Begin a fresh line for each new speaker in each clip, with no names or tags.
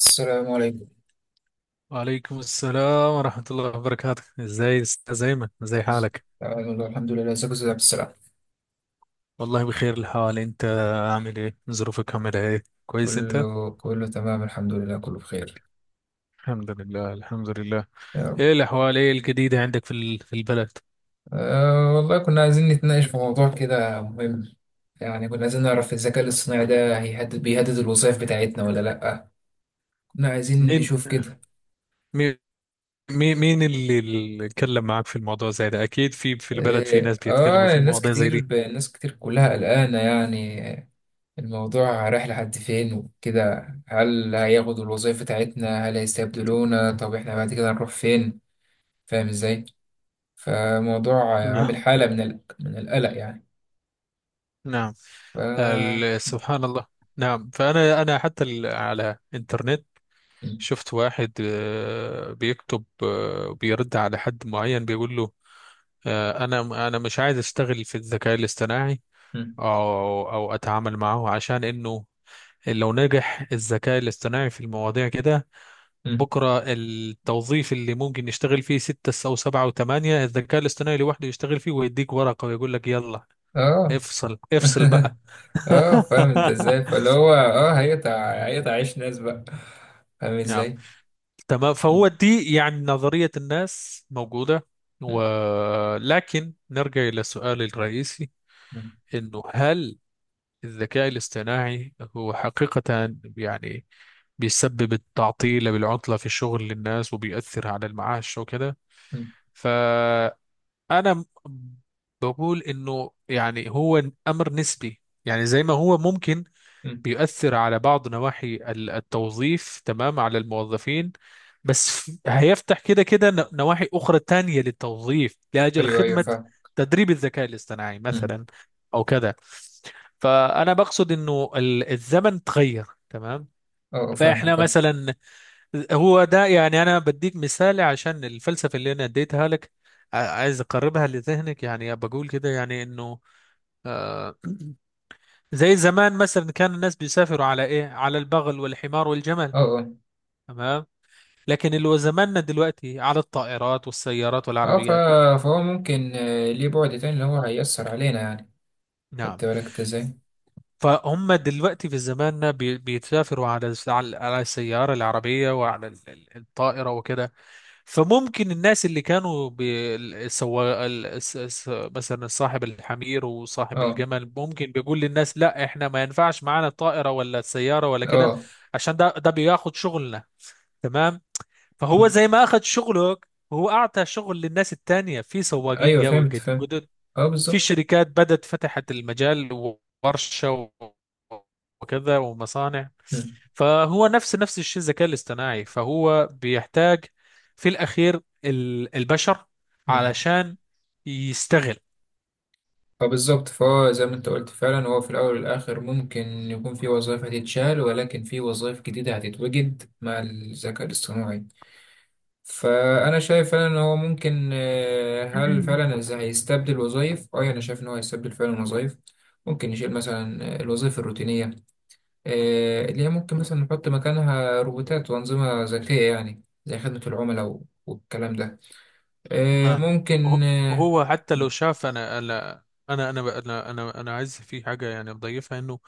السلام عليكم.
وعليكم السلام ورحمة الله وبركاته، ازاي استاذ ايمن؟ ازاي حالك؟
تمام والله الحمد لله، ازيك يا أستاذ عبد السلام؟
والله بخير الحال. انت عامل ايه؟ ظروفك عاملة ايه؟ كويس انت؟
كله تمام الحمد لله كله بخير.
الحمد لله، الحمد لله.
يا رب.
ايه الاحوال؟ ايه الجديدة عندك في البلد؟
أه والله كنا عايزين نتناقش في موضوع كده مهم، يعني كنا عايزين نعرف الذكاء الاصطناعي ده بيهدد الوظائف بتاعتنا ولا لأ، كنا عايزين
مين
نشوف كده.
مين مين اللي اتكلم معاك في الموضوع زي ده؟ اكيد في البلد في
اه،
ناس بيتكلموا في
آه، ناس
المواضيع زي
كتير
دي.
ناس كتير كلها قلقانة، يعني الموضوع رايح لحد فين وكده، هل هياخدوا الوظائف بتاعتنا؟ هل هيستبدلونا؟ طب احنا بعد كده هنروح فين؟ فاهم ازاي؟ فموضوع
نعم،
عامل حالة من القلق يعني.
نعم.
ف م-
سبحان الله. نعم. فانا حتى على انترنت شفت واحد بيكتب، بيرد على حد معين بيقول له: انا مش عايز اشتغل في الذكاء الاصطناعي
م-
او اتعامل معه، عشان انه لو نجح الذكاء الاصطناعي في المواضيع كده
م.
بكره التوظيف اللي ممكن يشتغل فيه ستة او سبعة او ثمانية، الذكاء الاصطناعي لوحده يشتغل فيه ويديك ورقة ويقول لك يلا
اه.
افصل افصل بقى.
اه، فاهم انت ازاي؟ فاللي هو اه هيقطع عيش ناس بقى، فاهم ازاي؟
تمام،
م-
فهو دي يعني نظرية الناس موجودة،
م-
ولكن نرجع إلى السؤال الرئيسي:
م-
إنه هل الذكاء الاصطناعي هو حقيقة يعني بيسبب التعطيل بالعطلة في الشغل للناس وبيأثر على المعاش وكده؟
م-
فأنا م- بقول إنه يعني هو أمر نسبي، يعني زي ما هو ممكن
م.
بيؤثر على بعض نواحي التوظيف، تمام، على الموظفين، بس هيفتح كده كده نواحي أخرى تانية للتوظيف لأجل
ايوه ايوه
خدمة
فاهم.
تدريب الذكاء الاصطناعي
م.
مثلا أو كده. فأنا بقصد إنه الزمن تغير، تمام.
اه، آه، فاهمك
فإحنا
فاهم
مثلا، هو ده يعني أنا بديك مثال عشان الفلسفة اللي أنا اديتها لك، عايز أقربها لذهنك، يعني بقول كده يعني إنه آه زي زمان مثلا كان الناس بيسافروا على ايه؟ على البغل والحمار والجمل،
اه اه
تمام. لكن اللي هو زماننا دلوقتي على الطائرات والسيارات والعربيات.
فهو ممكن آه، ليه بعد تاني اللي هو هيأثر علينا يعني،
نعم،
خدت بالك انت ازاي؟
فهم دلوقتي في زماننا بيتسافروا على السيارة العربية وعلى الطائرة وكده. فممكن الناس اللي كانوا بي- ال- سوا ال- الس- الس- مثلا صاحب الحمير وصاحب
اه
الجمل ممكن بيقول للناس: لا، احنا ما ينفعش معانا الطائرة ولا السيارة ولا كده،
اه.
عشان ده بياخد شغلنا، تمام. فهو
م.
زي ما اخذ شغلك هو اعطى شغل للناس التانية في سواقين
ايوه،
جو-
فهمت
جد-
فهمت
جدد
اه
في
بالظبط.
شركات بدت فتحت المجال، ورشة وكذا ومصانع.
م-
فهو نفس الشيء الذكاء الاصطناعي، فهو بيحتاج في الاخير البشر
م.
علشان يستغل.
فبالظبط، فهو زي ما انت قلت فعلا، هو في الأول والآخر ممكن يكون في وظائف هتتشال ولكن في وظائف جديدة هتتوجد مع الذكاء الاصطناعي. فأنا شايف فعلا إن هو ممكن آه، هل فعلا هيستبدل وظائف؟ أه يعني أنا شايف إن هو هيستبدل فعلا وظائف، ممكن يشيل مثلا آه، الوظائف الروتينية آه، اللي هي ممكن مثلا نحط مكانها روبوتات وأنظمة ذكية، يعني زي خدمة العملاء والكلام ده، آه،
نعم،
ممكن
هو
آه،.
هو حتى لو
م-
شاف، أنا عايز في حاجه يعني بضيفها، انه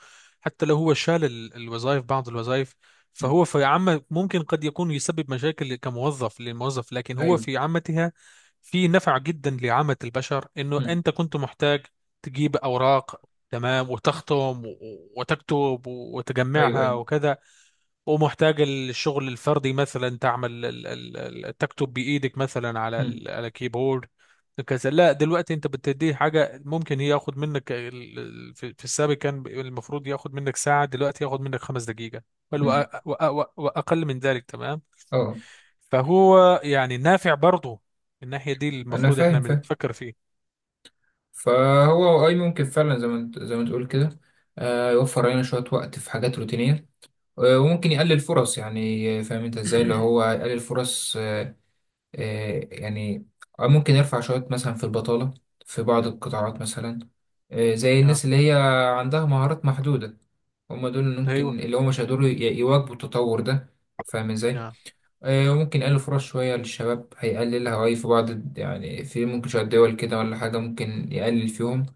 حتى لو هو شال الوظائف بعض الوظائف،
م-
فهو في عامة ممكن قد يكون يسبب مشاكل كموظف للموظف، لكن هو
أيوه.
في عامتها في نفع جدا لعامة البشر، انه
م-
انت كنت محتاج تجيب اوراق، تمام، وتختم وتكتب
أيوه
وتجمعها
أيوه.
وكذا، ومحتاج الشغل الفردي مثلا تعمل تكتب بإيدك مثلا على
م-
ال- على كيبورد كذا. لا، دلوقتي انت بتديه حاجة ممكن هي ياخد منك في السابق كان المفروض ياخد منك ساعة، دلوقتي ياخد منك 5 دقيقة، بل وأ-
م.
وأ- وأ- وأقل من ذلك، تمام.
اه،
فهو يعني نافع برضه، الناحية دي
انا
المفروض احنا
فاهم.
بنتفكر فيه.
فهو اي ممكن فعلا زي ما انت زي ما تقول كده، آه، يوفر علينا شويه وقت في حاجات روتينيه، آه، وممكن يقلل فرص يعني، آه، فاهم انت ازاي اللي هو يقلل فرص، آه، آه، يعني آه، ممكن يرفع شويه مثلا في البطاله في بعض القطاعات مثلا، آه، زي
نعم،
الناس اللي هي عندها مهارات محدوده، هم دول اللي ممكن
ايوه،
اللي هم مش هيقدروا يواكبوا التطور ده، فاهم ازاي؟
نعم،
آه، ممكن يقلل فرص شوية للشباب، هيقللها أي في بعض يعني في ممكن شوية دول كده ولا حاجة ممكن يقلل فيهم،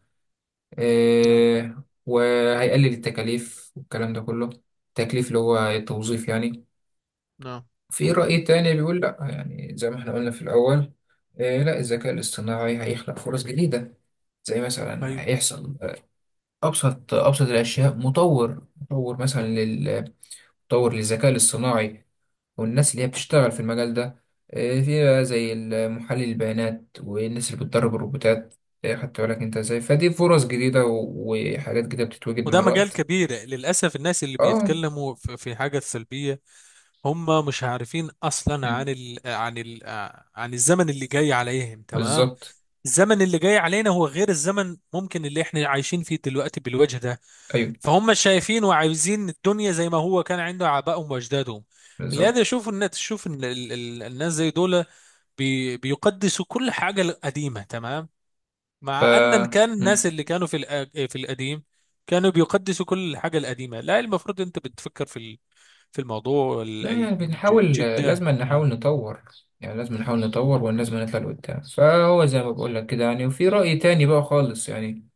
نعم،
آه، وهيقلل التكاليف والكلام ده كله. التكليف اللي هو التوظيف يعني.
نعم،
في رأي تاني بيقول لأ، يعني زي ما احنا قلنا في الأول، آه، لأ الذكاء الاصطناعي هيخلق فرص جديدة، زي مثلا
ايوه.
هيحصل آه، أبسط الأشياء، مطور مثلا مطور للذكاء الاصطناعي، والناس اللي هي بتشتغل في المجال ده، آه، في بقى زي محلل البيانات والناس اللي بتدرب الروبوتات، آه، خدت بالك انت ازاي؟ فدي فرص جديدة وحاجات جديدة بتتوجد مع
وده مجال
الوقت.
كبير، للأسف الناس اللي
اه.
بيتكلموا في حاجة سلبية هم مش عارفين اصلا
مم،
عن الزمن اللي جاي عليهم، تمام.
بالظبط.
الزمن اللي جاي علينا هو غير الزمن ممكن اللي احنا عايشين فيه دلوقتي بالوجه ده.
ايوه
فهم شايفين وعايزين الدنيا زي ما هو كان عنده آبائهم واجدادهم، لهذا
بالظبط.
يشوف الناس تشوف ان الناس زي دول بي بيقدسوا كل حاجة القديمة، تمام.
ف
مع ان كان
مم.
الناس اللي كانوا في القديم كانوا بيقدسوا كل الحاجة القديمة. لا، المفروض انت بتفكر في في الموضوع ال-
لا
ال-
يعني
الج-
بنحاول،
جدة
لازم
نعم.
نحاول نطور، يعني لازم
نعم،
نحاول نطور ولازم نطلع لقدام. فهو زي ما بقول لك كده يعني، وفي رأي تاني بقى خالص يعني،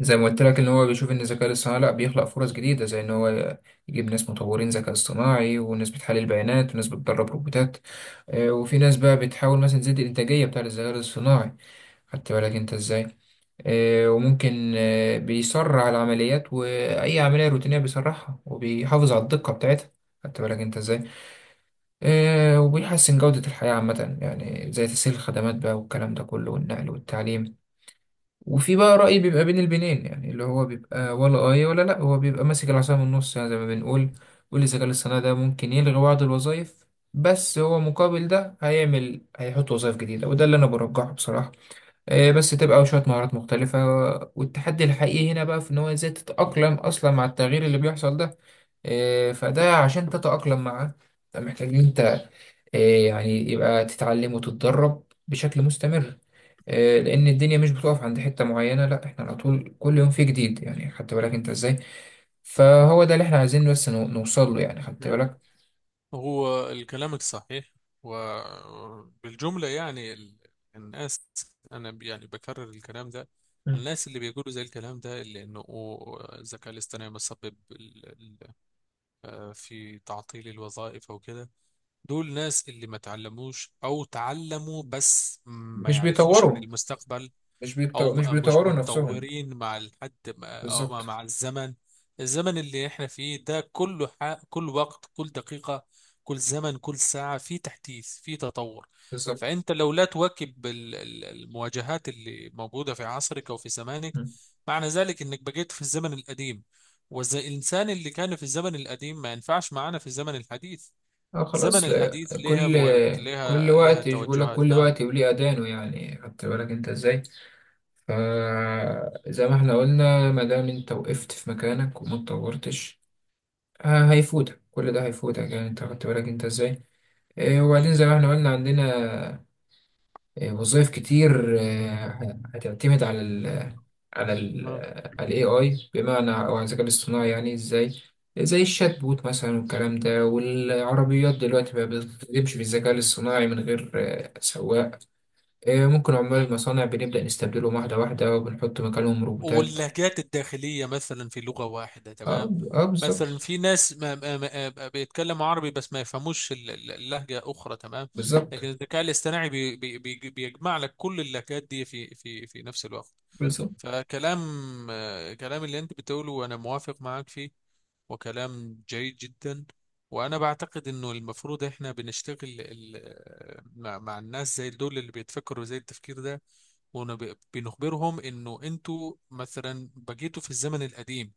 زي ما قلت لك ان هو بيشوف ان الذكاء الاصطناعي لا بيخلق فرص جديده، زي ان هو يجيب ناس مطورين ذكاء اصطناعي وناس بتحلل بيانات وناس بتدرب روبوتات، آه، وفي ناس بقى بتحاول مثلا تزيد الانتاجيه بتاعه الذكاء الاصطناعي، خدت بالك انت ازاي؟ آه، وممكن آه، بيسرع العمليات، واي عمليه روتينيه بيسرعها وبيحافظ على الدقه بتاعتها، خدت بالك انت ازاي؟ آه، وبيحسن جوده الحياه عامه يعني، زي تسهيل الخدمات بقى والكلام ده كله، والنقل والتعليم. وفي بقى رأي بيبقى بين البنين يعني، اللي هو بيبقى
مم.
ولا آية ولا لأ، هو بيبقى ماسك العصا من النص يعني زي ما بنقول. والذكاء الاصطناعي ده ممكن يلغي بعض الوظائف، بس هو مقابل ده هيعمل، هيحط وظائف جديدة، وده اللي أنا برجحه بصراحة، آه، بس تبقى شوية مهارات مختلفة. والتحدي الحقيقي هنا بقى في إن هو إزاي تتأقلم أصلا مع التغيير اللي بيحصل ده، آه، فده عشان تتأقلم معاه أنت محتاج إن أنت آه، يعني يبقى تتعلم وتتدرب بشكل مستمر، آه، لأن الدنيا مش بتقف عند حتة معينة، لا إحنا على طول كل يوم في جديد، يعني خدت بالك أنت إزاي؟ فهو ده اللي إحنا عايزين بس نوصل له يعني، خدت
نعم.
بالك؟
هو كلامك صحيح، وبالجملة يعني الناس أنا يعني بكرر الكلام ده،
مم.
الناس اللي بيقولوا زي الكلام ده اللي إنه الذكاء الاصطناعي مسبب في تعطيل الوظائف أو كده، دول ناس اللي ما تعلموش أو تعلموا بس ما
مش
يعرفوش عن
بيطوروا،
المستقبل، او
مش
مش
بيطوروا نفسهم.
متطورين مع الحد مع- أو مع
بالظبط
مع الزمن، الزمن اللي احنا فيه ده كله كل وقت كل دقيقة كل زمن كل ساعة في تحديث في تطور.
بالظبط.
فانت لو لا تواكب المواجهات اللي موجودة في عصرك او في زمانك، معنى ذلك انك بقيت في الزمن القديم، والانسان اللي كان في الزمن القديم ما ينفعش معانا في الزمن الحديث.
اه
زمن
خلاص، لا
الحديث لها
كل
مو...
كل
لها لها
وقت، مش بقول لك
توجهات،
كل
نعم.
وقت وليه اذانه يعني، خدت بالك انت ازاي؟ فزي ما احنا قلنا، ما دام انت وقفت في مكانك وما اتطورتش، هيفوتك كل ده، هيفوتك يعني انت، خدت بالك انت ازاي؟ إيه وبعدين
أيوة.
زي ما احنا قلنا عندنا آه، وظائف كتير آه، هتعتمد على ال على ال AI، بمعنى أو على الذكاء الاصطناعي، يعني إزاي؟ زي الشات بوت مثلا والكلام ده، والعربيات دلوقتي بقى بتمشي بالذكاء الاصطناعي من غير آه، سواق، آه، ممكن عمال
نعم،
المصانع بنبدأ نستبدلهم واحدة واحدة، وبنحط مكانهم روبوتات.
واللهجات الداخلية مثلا في لغة واحدة،
اه
تمام.
اه
مثلا
بالظبط.
في ناس ما بيتكلموا عربي بس ما يفهموش اللهجة أخرى، تمام.
بالظبط
لكن الذكاء الاصطناعي بي بي بي بيجمع لك كل اللهجات دي في نفس الوقت.
بالظبط
فكلام آه، كلام اللي انت بتقوله وانا موافق معاك فيه، وكلام جيد جدا. وانا بعتقد انه المفروض احنا بنشتغل مع الناس زي دول اللي بيتفكروا زي التفكير ده، وبنخبرهم انه انتوا مثلا بقيتوا في الزمن القديم،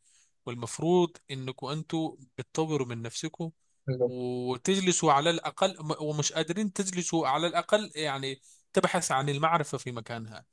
والمفروض انكم انتوا بتطوروا من نفسكم
بالظبط
وتجلسوا على الأقل، ومش قادرين تجلسوا على الأقل يعني تبحث عن المعرفة في مكانها.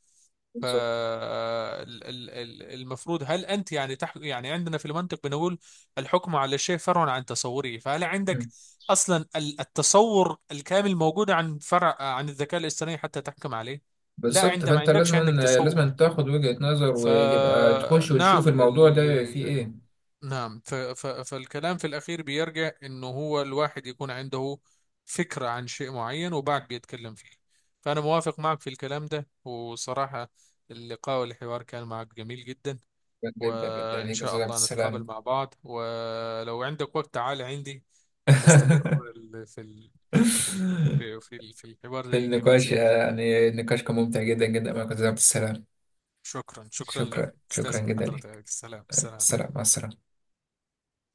بالظبط.
فالمفروض هل انت يعني عندنا في المنطق بنقول: الحكم على الشيء فرع عن تصوره، فهل
مم.
عندك اصلا التصور الكامل موجود عن فرع عن الذكاء الاصطناعي حتى تحكم عليه؟ لا،
بالظبط.
انت ما
فأنت
عندكش،
لازم
عندك تصور.
لازم تاخد وجهة نظر وتبقى تخش وتشوف
فنعم،
الموضوع ده فيه إيه.
نعم، فالكلام في الأخير بيرجع إنه هو الواحد يكون عنده فكرة عن شيء معين وبعد بيتكلم فيه. فأنا موافق معك في الكلام ده، وصراحة اللقاء والحوار كان معك جميل جدا،
جدا جدا
وإن
ليك يا
شاء
استاذ عبد
الله نتقابل
السلام.
مع بعض، ولو عندك وقت تعال عندي. هنستمر ال- في ال... في ال... في في في الحوار
في
الجميل
النقاش
زي ده.
يعني، النقاش كان ممتع جدا جدا معك يا استاذ عبد السلام.
شكرا، شكرا
شكرا،
لك
شكرا
استاذ، من
جدا
حضرتك
لك.
السلام، السلام.
السلام، مع السلامه.